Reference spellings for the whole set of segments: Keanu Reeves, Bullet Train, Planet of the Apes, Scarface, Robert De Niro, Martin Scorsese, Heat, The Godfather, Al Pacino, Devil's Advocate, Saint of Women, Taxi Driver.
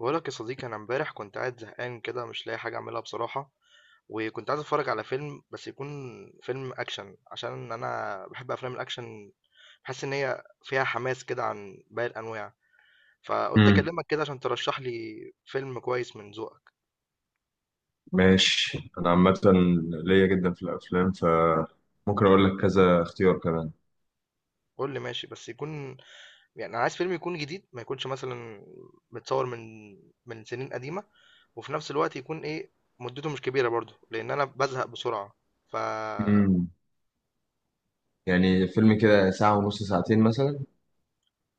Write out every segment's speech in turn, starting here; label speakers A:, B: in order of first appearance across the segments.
A: بقولك يا صديقي، انا امبارح كنت قاعد زهقان كده مش لاقي حاجه اعملها بصراحه. وكنت عايز اتفرج على فيلم، بس يكون فيلم اكشن، عشان انا بحب افلام الاكشن. بحس ان هي فيها حماس كده عن باقي الانواع. فقلت
B: امم.
A: اكلمك كده عشان ترشح لي فيلم كويس من ذوقك.
B: ماشي، انا عامه ليا جدا في الافلام فممكن اقول لك كذا اختيار كمان.
A: قول لي ماشي، بس يكون يعني انا عايز فيلم يكون جديد، ما يكونش مثلا متصور من سنين قديمه، وفي نفس الوقت يكون ايه، مدته مش كبيره برضه لان انا بزهق بسرعه. ف
B: امم. يعني فيلم كده ساعه ونص ساعتين مثلا.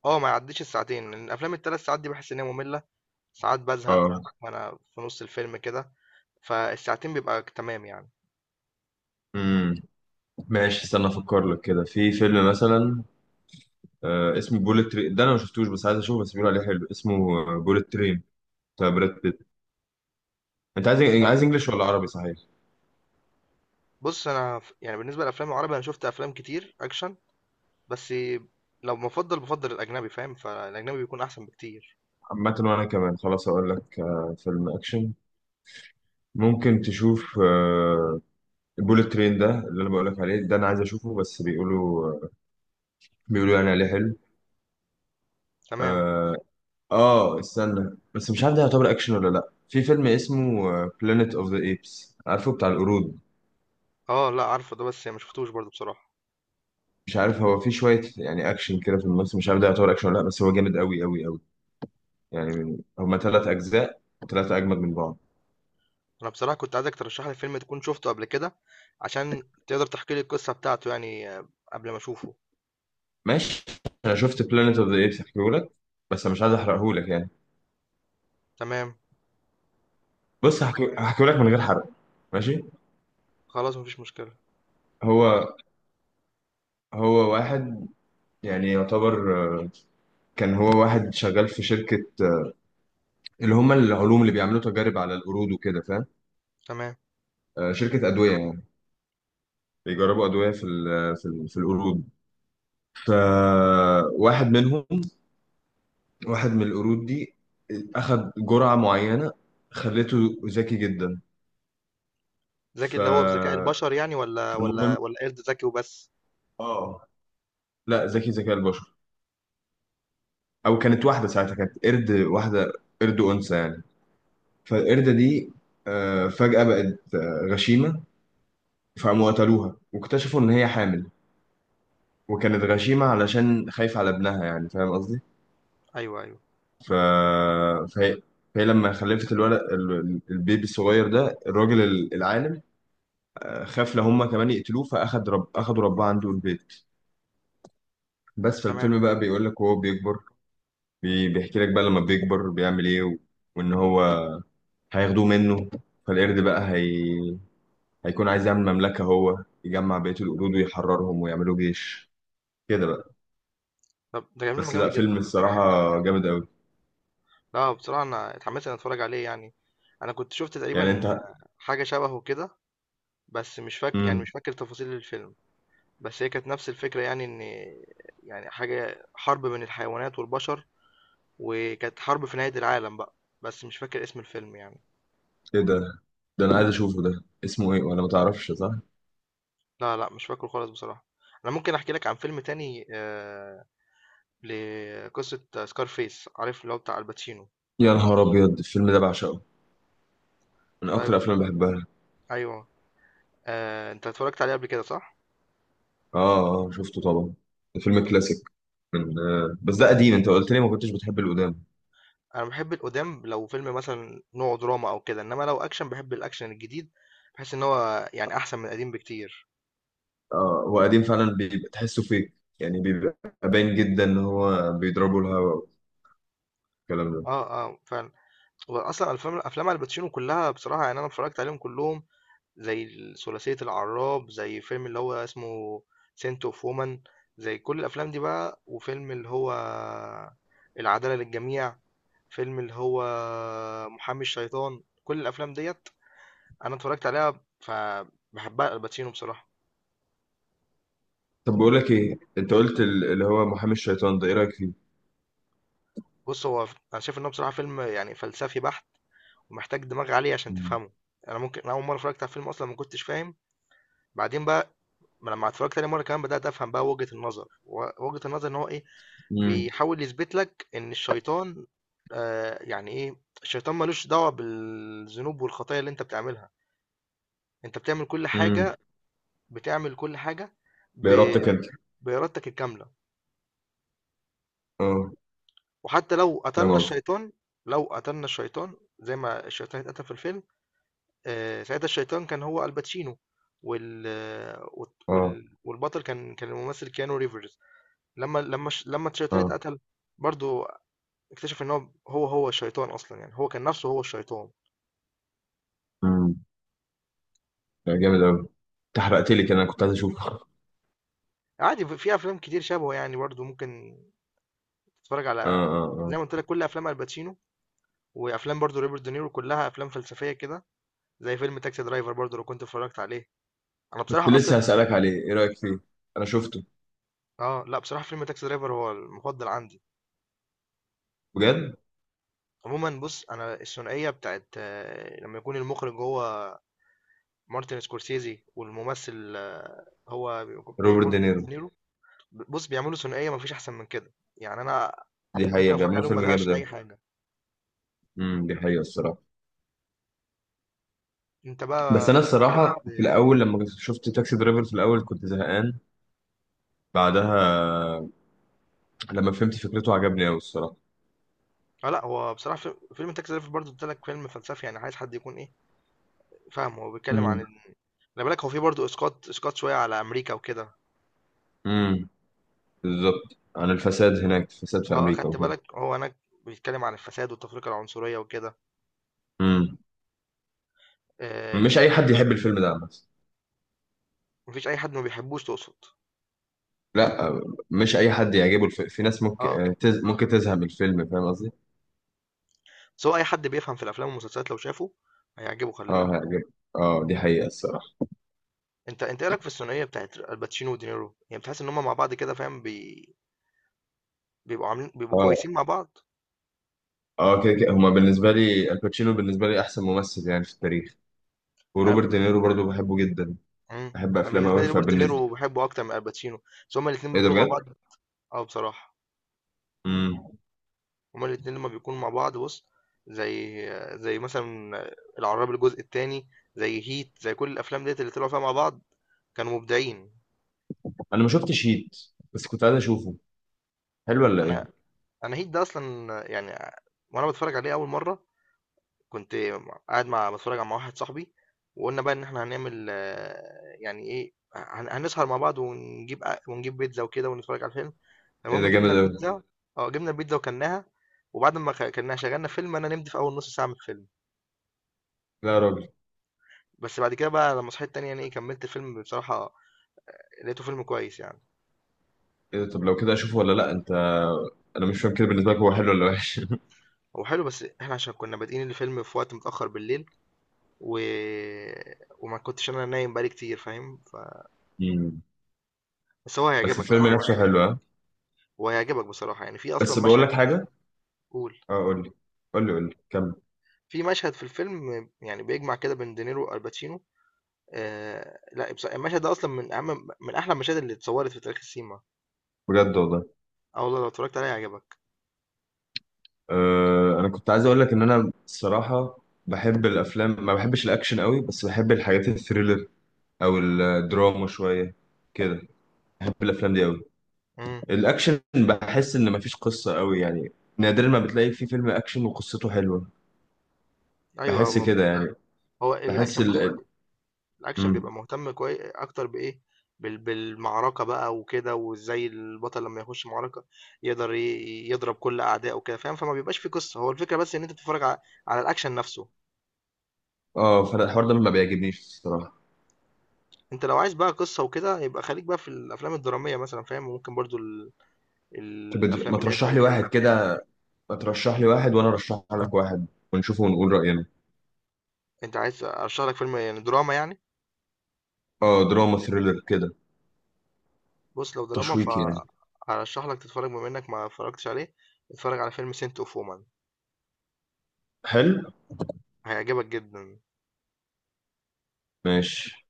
A: آه، ما يعدّيش الساعتين، لإن أفلام ال3 ساعات دي باحس إن هي مملة، ساعات بازهق
B: اه.
A: وأنا في نُص الفيلم كده، فالساعتين بيبقى ك تمام يعني.
B: امم. ماشي، استنى افكر لك كده في فيلم مثلا. اسمه بوليت ترين، ده انا ما شفتوش بس عايز اشوفه، بس بيقولوا عليه حلو. اسمه بوليت ترين، بتاع براد بيت. انت عايز
A: ده
B: عايز انجليش ولا عربي صحيح؟
A: بُص، أنا يعني بالنسبة للأفلام العربي أنا شُفت أفلام كتير أكشن، بس لو بافضّل الأجنبي فاهم، فالأجنبي بيكون أحسن بكتير.
B: عامه وانا كمان خلاص اقول لك فيلم اكشن ممكن تشوف. بوليت ترين ده اللي انا بقول لك عليه، ده انا عايز اشوفه بس بيقولوا يعني عليه حلو.
A: تمام.
B: آه. اه استنى، بس مش عارف ده يعتبر اكشن ولا لا. في فيلم اسمه بلانيت اوف ذا ايبس، عارفه بتاع القرود.
A: آه، لأ عارفه ده بس ما شُفتوش برضه بصراحة.
B: مش عارف هو في شويه يعني اكشن كده في النص، مش عارف ده يعتبر اكشن ولا لا، بس هو جامد قوي قوي قوي يعني. هما ثلاث اجزاء وثلاثه اجمد من بعض.
A: أنا بصراحة كنت عايزك ترشّح لي فيلم تكون شُفته قبل كده، عشان تقدر تحكي لي القصة بتاعته يعني آه، قبل ما أشوفه.
B: ماشي، انا شفت بلانيت اوف ذا ايبس هحكيهولك، بس أنا مش عايز احرقهولك يعني.
A: تمام،
B: بص هحكيهولك من غير حرق. ماشي.
A: خلاص ما فيش مشكلة.
B: هو هو واحد يعني يعتبر، كان هو واحد شغال في شركه، اللي هم العلوم اللي بيعملوا تجارب على القرود وكده، فاهم؟
A: تمام.
B: شركة أدوية يعني، بيجربوا أدوية في القرود. فواحد منهم، واحد من القرود دي أخد جرعة معينة خلته ذكي جدا.
A: ذكي
B: ف
A: اللي هو بذكاء البشر يعني، ولا ولا
B: فالمهم
A: ولا قرد ذكي وبس؟
B: اه لا ذكي ذكاء البشر. أو كانت واحدة،
A: تمام.
B: ساعتها كانت قرد واحدة، قرد أنثى يعني. فالقردة دي فجأة بقت غشيمة، فقاموا قتلوها واكتشفوا إن هي حامل. وكانت غشيمة علشان خايفة على ابنها، يعني فاهم قصدي؟
A: ايوه ايوه.
B: ف... فهي... فهي لما خلفت الولد البيبي الصغير ده، الراجل العالم خاف لو هما كمان يقتلوه، أخدوا رباه عنده البيت. بس
A: تمام.
B: فالفيلم بقى بيقول لك وهو بيكبر، بيحكي لك بقى لما بيكبر بيعمل إيه، وإن هو هياخدوه منه. فالقرد بقى هي... هيكون عايز يعمل مملكة هو، يجمع بقية القرود ويحررهم ويعملوا جيش كده بقى.
A: طب ده فيلم
B: بس لا
A: جامد جدا
B: فيلم الصراحة
A: بصراحه.
B: جامد أوي
A: لا بصراحه انا اتحمست ان اتفرج عليه يعني. انا كنت شفت
B: يعني.
A: تقريبا
B: أنت.
A: حاجه شبهه كده، بس مش فاكر يعني،
B: مم.
A: مش فاكر تفاصيل الفيلم. بس هي كانت نفس الفكره، يعني ان يعني حاجه حرب بين الحيوانات والبشر، وكانت حرب في نهايه العالم بقى، بس مش فاكر اسم الفيلم يعني.
B: ايه ده؟ ده انا عايز اشوفه، ده اسمه ايه ولا ما تعرفش صح؟
A: لا لا، مش فاكره خالص بصراحه. انا ممكن احكي لك عن فيلم تاني آه، لقصة سكارفيس، عارف اللي هو بتاع الباتشينو.
B: يا نهار ابيض، الفيلم ده بعشقه، من اكتر
A: طيب.
B: الافلام اللي بحبها.
A: أيوه. آه، أنت اتفرجت عليه قبل كده صح؟
B: اه اه شفته طبعا، ده فيلم كلاسيك من. بس ده قديم، انت قلت لي ما كنتش بتحب القدام.
A: أنا بحب القدام لو فيلم مثلا نوعه دراما أو كده، إنما لو أكشن بحب الأكشن الجديد. بحس إن هو يعني أحسن من القديم بكتير.
B: اه هو قديم فعلا بيبقى تحسه فيك يعني، بيبقى باين جدا ان هو بيضربوا الهوا والكلام ده.
A: أه أه فعلا. وأصلا أفلام الباتشينو كلها بصراحة، يعني أنا اتفرجت عليهم كلهم، زي ثلاثية العراب، زي فيلم اللي هو اسمه سنت أوف وومن، زي كل الأفلام دي بقى، وفيلم اللي هو العدالة للجميع، فيلم اللي هو محامي الشيطان. كل الافلام ديت انا اتفرجت عليها. فبحبها الباتشينو بصراحه.
B: طب بقول لك ايه، انت قلت اللي هو محامي الشيطان ده، ايه رايك فيه؟
A: بص هو انا شايف انه بصراحه فيلم يعني فلسفي بحت، ومحتاج دماغ عالي عشان تفهمه. انا اول مره اتفرجت على الفيلم اصلا ما كنتش فاهم، بعدين بقى لما اتفرجت تاني مره كمان بدات افهم بقى وجهه النظر، وجهه النظر ان هو ايه،
B: امم.
A: بيحاول يثبت لك ان الشيطان، آه يعني ايه، الشيطان ملوش دعوه بالذنوب والخطايا اللي انت بتعملها. انت بتعمل كل
B: امم.
A: حاجه، بتعمل كل حاجه ب-
B: بإرادتك انت.
A: بإرادتك الكاملة.
B: اه
A: وحتى لو
B: فاهم
A: قتلنا
B: قصدي.
A: الشيطان، لو قتلنا الشيطان زي ما الشيطان اتقتل في الفيلم، آه، ساعتها الشيطان كان هو الباتشينو، وال...
B: اه.
A: والبطل كان الممثل كيانو ريفرز. لما الشيطان اتقتل برضو، اكتشف ان هو الشيطان اصلا، يعني هو كان نفسه هو الشيطان.
B: اه لا جامد أوي، أنت حرقت لي كده أنا كنت عايز أشوفه. آه.
A: عادي، في افلام كتير شبهه يعني، برضو ممكن تتفرج
B: آه.
A: على، زي
B: آه
A: ما قلت لك، كل افلام الباتشينو. وافلام برضو روبرت دينيرو كلها افلام فلسفيه كده، زي فيلم تاكسي درايفر، برضو لو كنت اتفرجت عليه. انا
B: كنت
A: بصراحه اصلا
B: لسه هسألك
A: السن...
B: عليه، إيه رأيك فيه؟ أنا شفته.
A: اه لا بصراحه فيلم تاكسي درايفر هو المفضل عندي.
B: بجد.
A: عموما بص، انا الثنائيه بتاعت آه، لما يكون المخرج هو مارتن سكورسيزي والممثل آه، هو بيكون
B: روبرت
A: بيكون روبرت
B: دينيرو.
A: دينيرو. بص، بيعملوا ثنائيه مفيش احسن من كده يعني. انا
B: دي
A: ممكن
B: حقيقة
A: اتفرج
B: بيعملوا
A: عليهم ما
B: فيلم
A: ازهقش
B: جامد أوي.
A: لاي حاجه.
B: امم، دي حقيقة الصراحة.
A: انت
B: بس
A: بقى
B: أنا
A: بتحب.
B: الصراحة في الأول لما شفت تاكسي درايفر في الأول كنت زهقان. بعدها لما فهمت فكرته عجبني أوي الصراحة.
A: اه لا، هو بصراحه فيلم تاكسي درايفر برضه قلت لك فيلم فلسفي، يعني عايز حد يكون ايه، فاهم، هو بيتكلم عن
B: امم.
A: ال-، خلي بالك هو فيه برضه اسقاط شويه على امريكا وكده.
B: امم بالظبط، عن الفساد هناك، الفساد في
A: آه،
B: أمريكا
A: أخدت
B: وكده.
A: بالك، هو هناك بيتكلم عن الفساد والتفرقة العنصرية وكده،
B: امم.
A: آه.
B: مش أي حد يحب الفيلم ده بس.
A: مفيش أي حد ما بيحبوش تقصد؟
B: لا مش أي حد يعجبه في ناس ممكن
A: اه،
B: ممكن تزهق من الفيلم فاهم قصدي؟
A: سواء أي حد بيفهم في الأفلام والمسلسلات لو شافه هيعجبه، خلي
B: اه
A: بالك.
B: هيعجب. اه دي حقيقة الصراحة.
A: أنت إيه رأيك في الثنائية بتاعت الباتشينو ودينيرو؟ يعني بتحس إن هما مع بعض كده، فاهم، بي... بيبقوا
B: اه
A: كويسين مع بعض.
B: اه كده كده، هما بالنسبة لي الباتشينو بالنسبة لي أحسن ممثل يعني في التاريخ.
A: أنا
B: وروبرت دينيرو برضو بحبه جدا،
A: مم.
B: بحب أفلامه
A: بالنسبة
B: أوي
A: لي روبرت
B: فبالنسبة.
A: دينيرو بحبه أكتر من الباتشينو، بس هما الاتنين
B: إيه ده
A: بيكونوا مع
B: بجد؟
A: بعض اه بصراحة.
B: امم.
A: هما الاتنين لما بيكونوا مع بعض بُص، زي زي مثلًا العراب الجزء التاني، زي هيت، زي كل الأفلام ديّة اللي طلعوا فيها مع بعض، كانوا مبدعين.
B: أنا ما شفتش هيت، بس كنت عايز أشوفه، حلو ولا إيه؟
A: أنا أنا هيت ده أصلًا يعني، وأنا باتفرج عليه أول مرّة، كنت قاعد مع، باتفرج مع واحد صاحبي، وقُلنا بقى إن إحنا هنعمل آه، يعني إيه، هنسهر مع بعض ونجيب بيتزا وكده ونتفرج على الفيلم،
B: إيه
A: المهم
B: ده جامد
A: جِبنا
B: أوي.
A: البيتزا حلو ده. آه، جِبنا البيتزا وكلناها، وبعد ما كلناها شغّلنا فيلم، أنا نمت في أول نُص ساعة من الفيلم.
B: لا يا راجل.
A: بس بعد كده بقى لما صحيت تاني يعني ايه كملت الفيلم بصراحة، لقيته فيلم كويس يعني.
B: إيه ده؟ طب لو كده أشوفه ولا لأ أنت؟ أنا مش فاهم كده بالنسبة لك، هو حلو ولا وحش؟
A: هو حلو بس احنا عشان كنا بادئين الفيلم في وقت متأخر بالليل و... وما كنتش انا نايم بقالي كتير، فاهم ف...
B: امم.
A: بس هو
B: بس
A: هيعجبك. لا
B: الفيلم
A: هو
B: نفسه حلو،
A: هيعجبك
B: ها؟
A: هو هيعجبك بصراحة، يعني في اصلا
B: بس بقول
A: مشهد
B: لك
A: كده.
B: حاجة.
A: قول.
B: اه قول لي، قول لي قول لي كمل.
A: في مشهد في الفيلم يعني بيجمع كده بين دينيرو والباتشينو، آه... لا بصراحة المشهد ده اصلا من اهم، من احلى المشاهد اللي اتصورت في تاريخ السينما.
B: بجد والله.
A: اه والله لو اتفرجت عليها هيعجبك.
B: انا كنت عايز اقول لك ان انا الصراحه بحب الافلام ما بحبش الاكشن قوي، بس بحب الحاجات الثريلر او الدراما شويه كده، بحب الافلام دي قوي.
A: امم
B: الاكشن بحس ان مفيش قصه قوي يعني، نادرا ما بتلاقي في فيلم اكشن وقصته حلوه،
A: ايوه.
B: بحس
A: هو
B: كده يعني.
A: هو
B: بحس
A: الاكشن بص،
B: ال
A: الاكشن
B: مم.
A: بيبقى مهتم كويس اكتر بايه، بالمعركه بقى وكده، وازاي البطل لما يخش معركه يقدر يضرب كل اعدائه وكده، فاهم، فما بيبقاش في قصه، هو الفكره بس ان انت تتفرج على، على الاكشن نفسه.
B: اه فانا الحوار ده ما بيعجبنيش الصراحه.
A: انت لو عايز بقى قصه وكده يبقى خليك بقى في الافلام الدراميه مثلا، فاهم، وممكن برضو ال...
B: طب ما
A: الافلام اللي هي
B: ترشح لي واحد
A: التاريخيه.
B: كده، ما ترشح لي واحد وانا ارشح لك واحد ونشوفه ونقول راينا.
A: انت عايز ارشح لك فيلم يعني دراما يعني.
B: اه دراما ثريلر كده،
A: بص لو دراما،
B: تشويقي يعني.
A: فارشح لك تتفرج بما انك ما اتفرجتش عليه، اتفرج على فيلم سنت اوف وومن.
B: حلو.
A: هيعجبك جدا.
B: ماشي.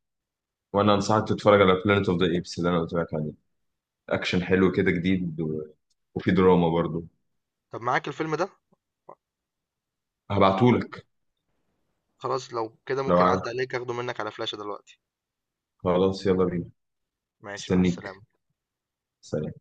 B: وانا انصحك تتفرج على بلانيت اوف ذا ايبس اللي انا قلت لك عليه، اكشن حلو كده جديد وفي دراما برضو.
A: طب معاك الفيلم ده؟
B: هبعتهولك.
A: خلاص لو كده
B: لو
A: ممكن
B: عايز.
A: أعدي عليك أخده منك على فلاشة دلوقتي.
B: خلاص يلا بينا.
A: ماشي، مع
B: استنيك.
A: السلامة.
B: سلام.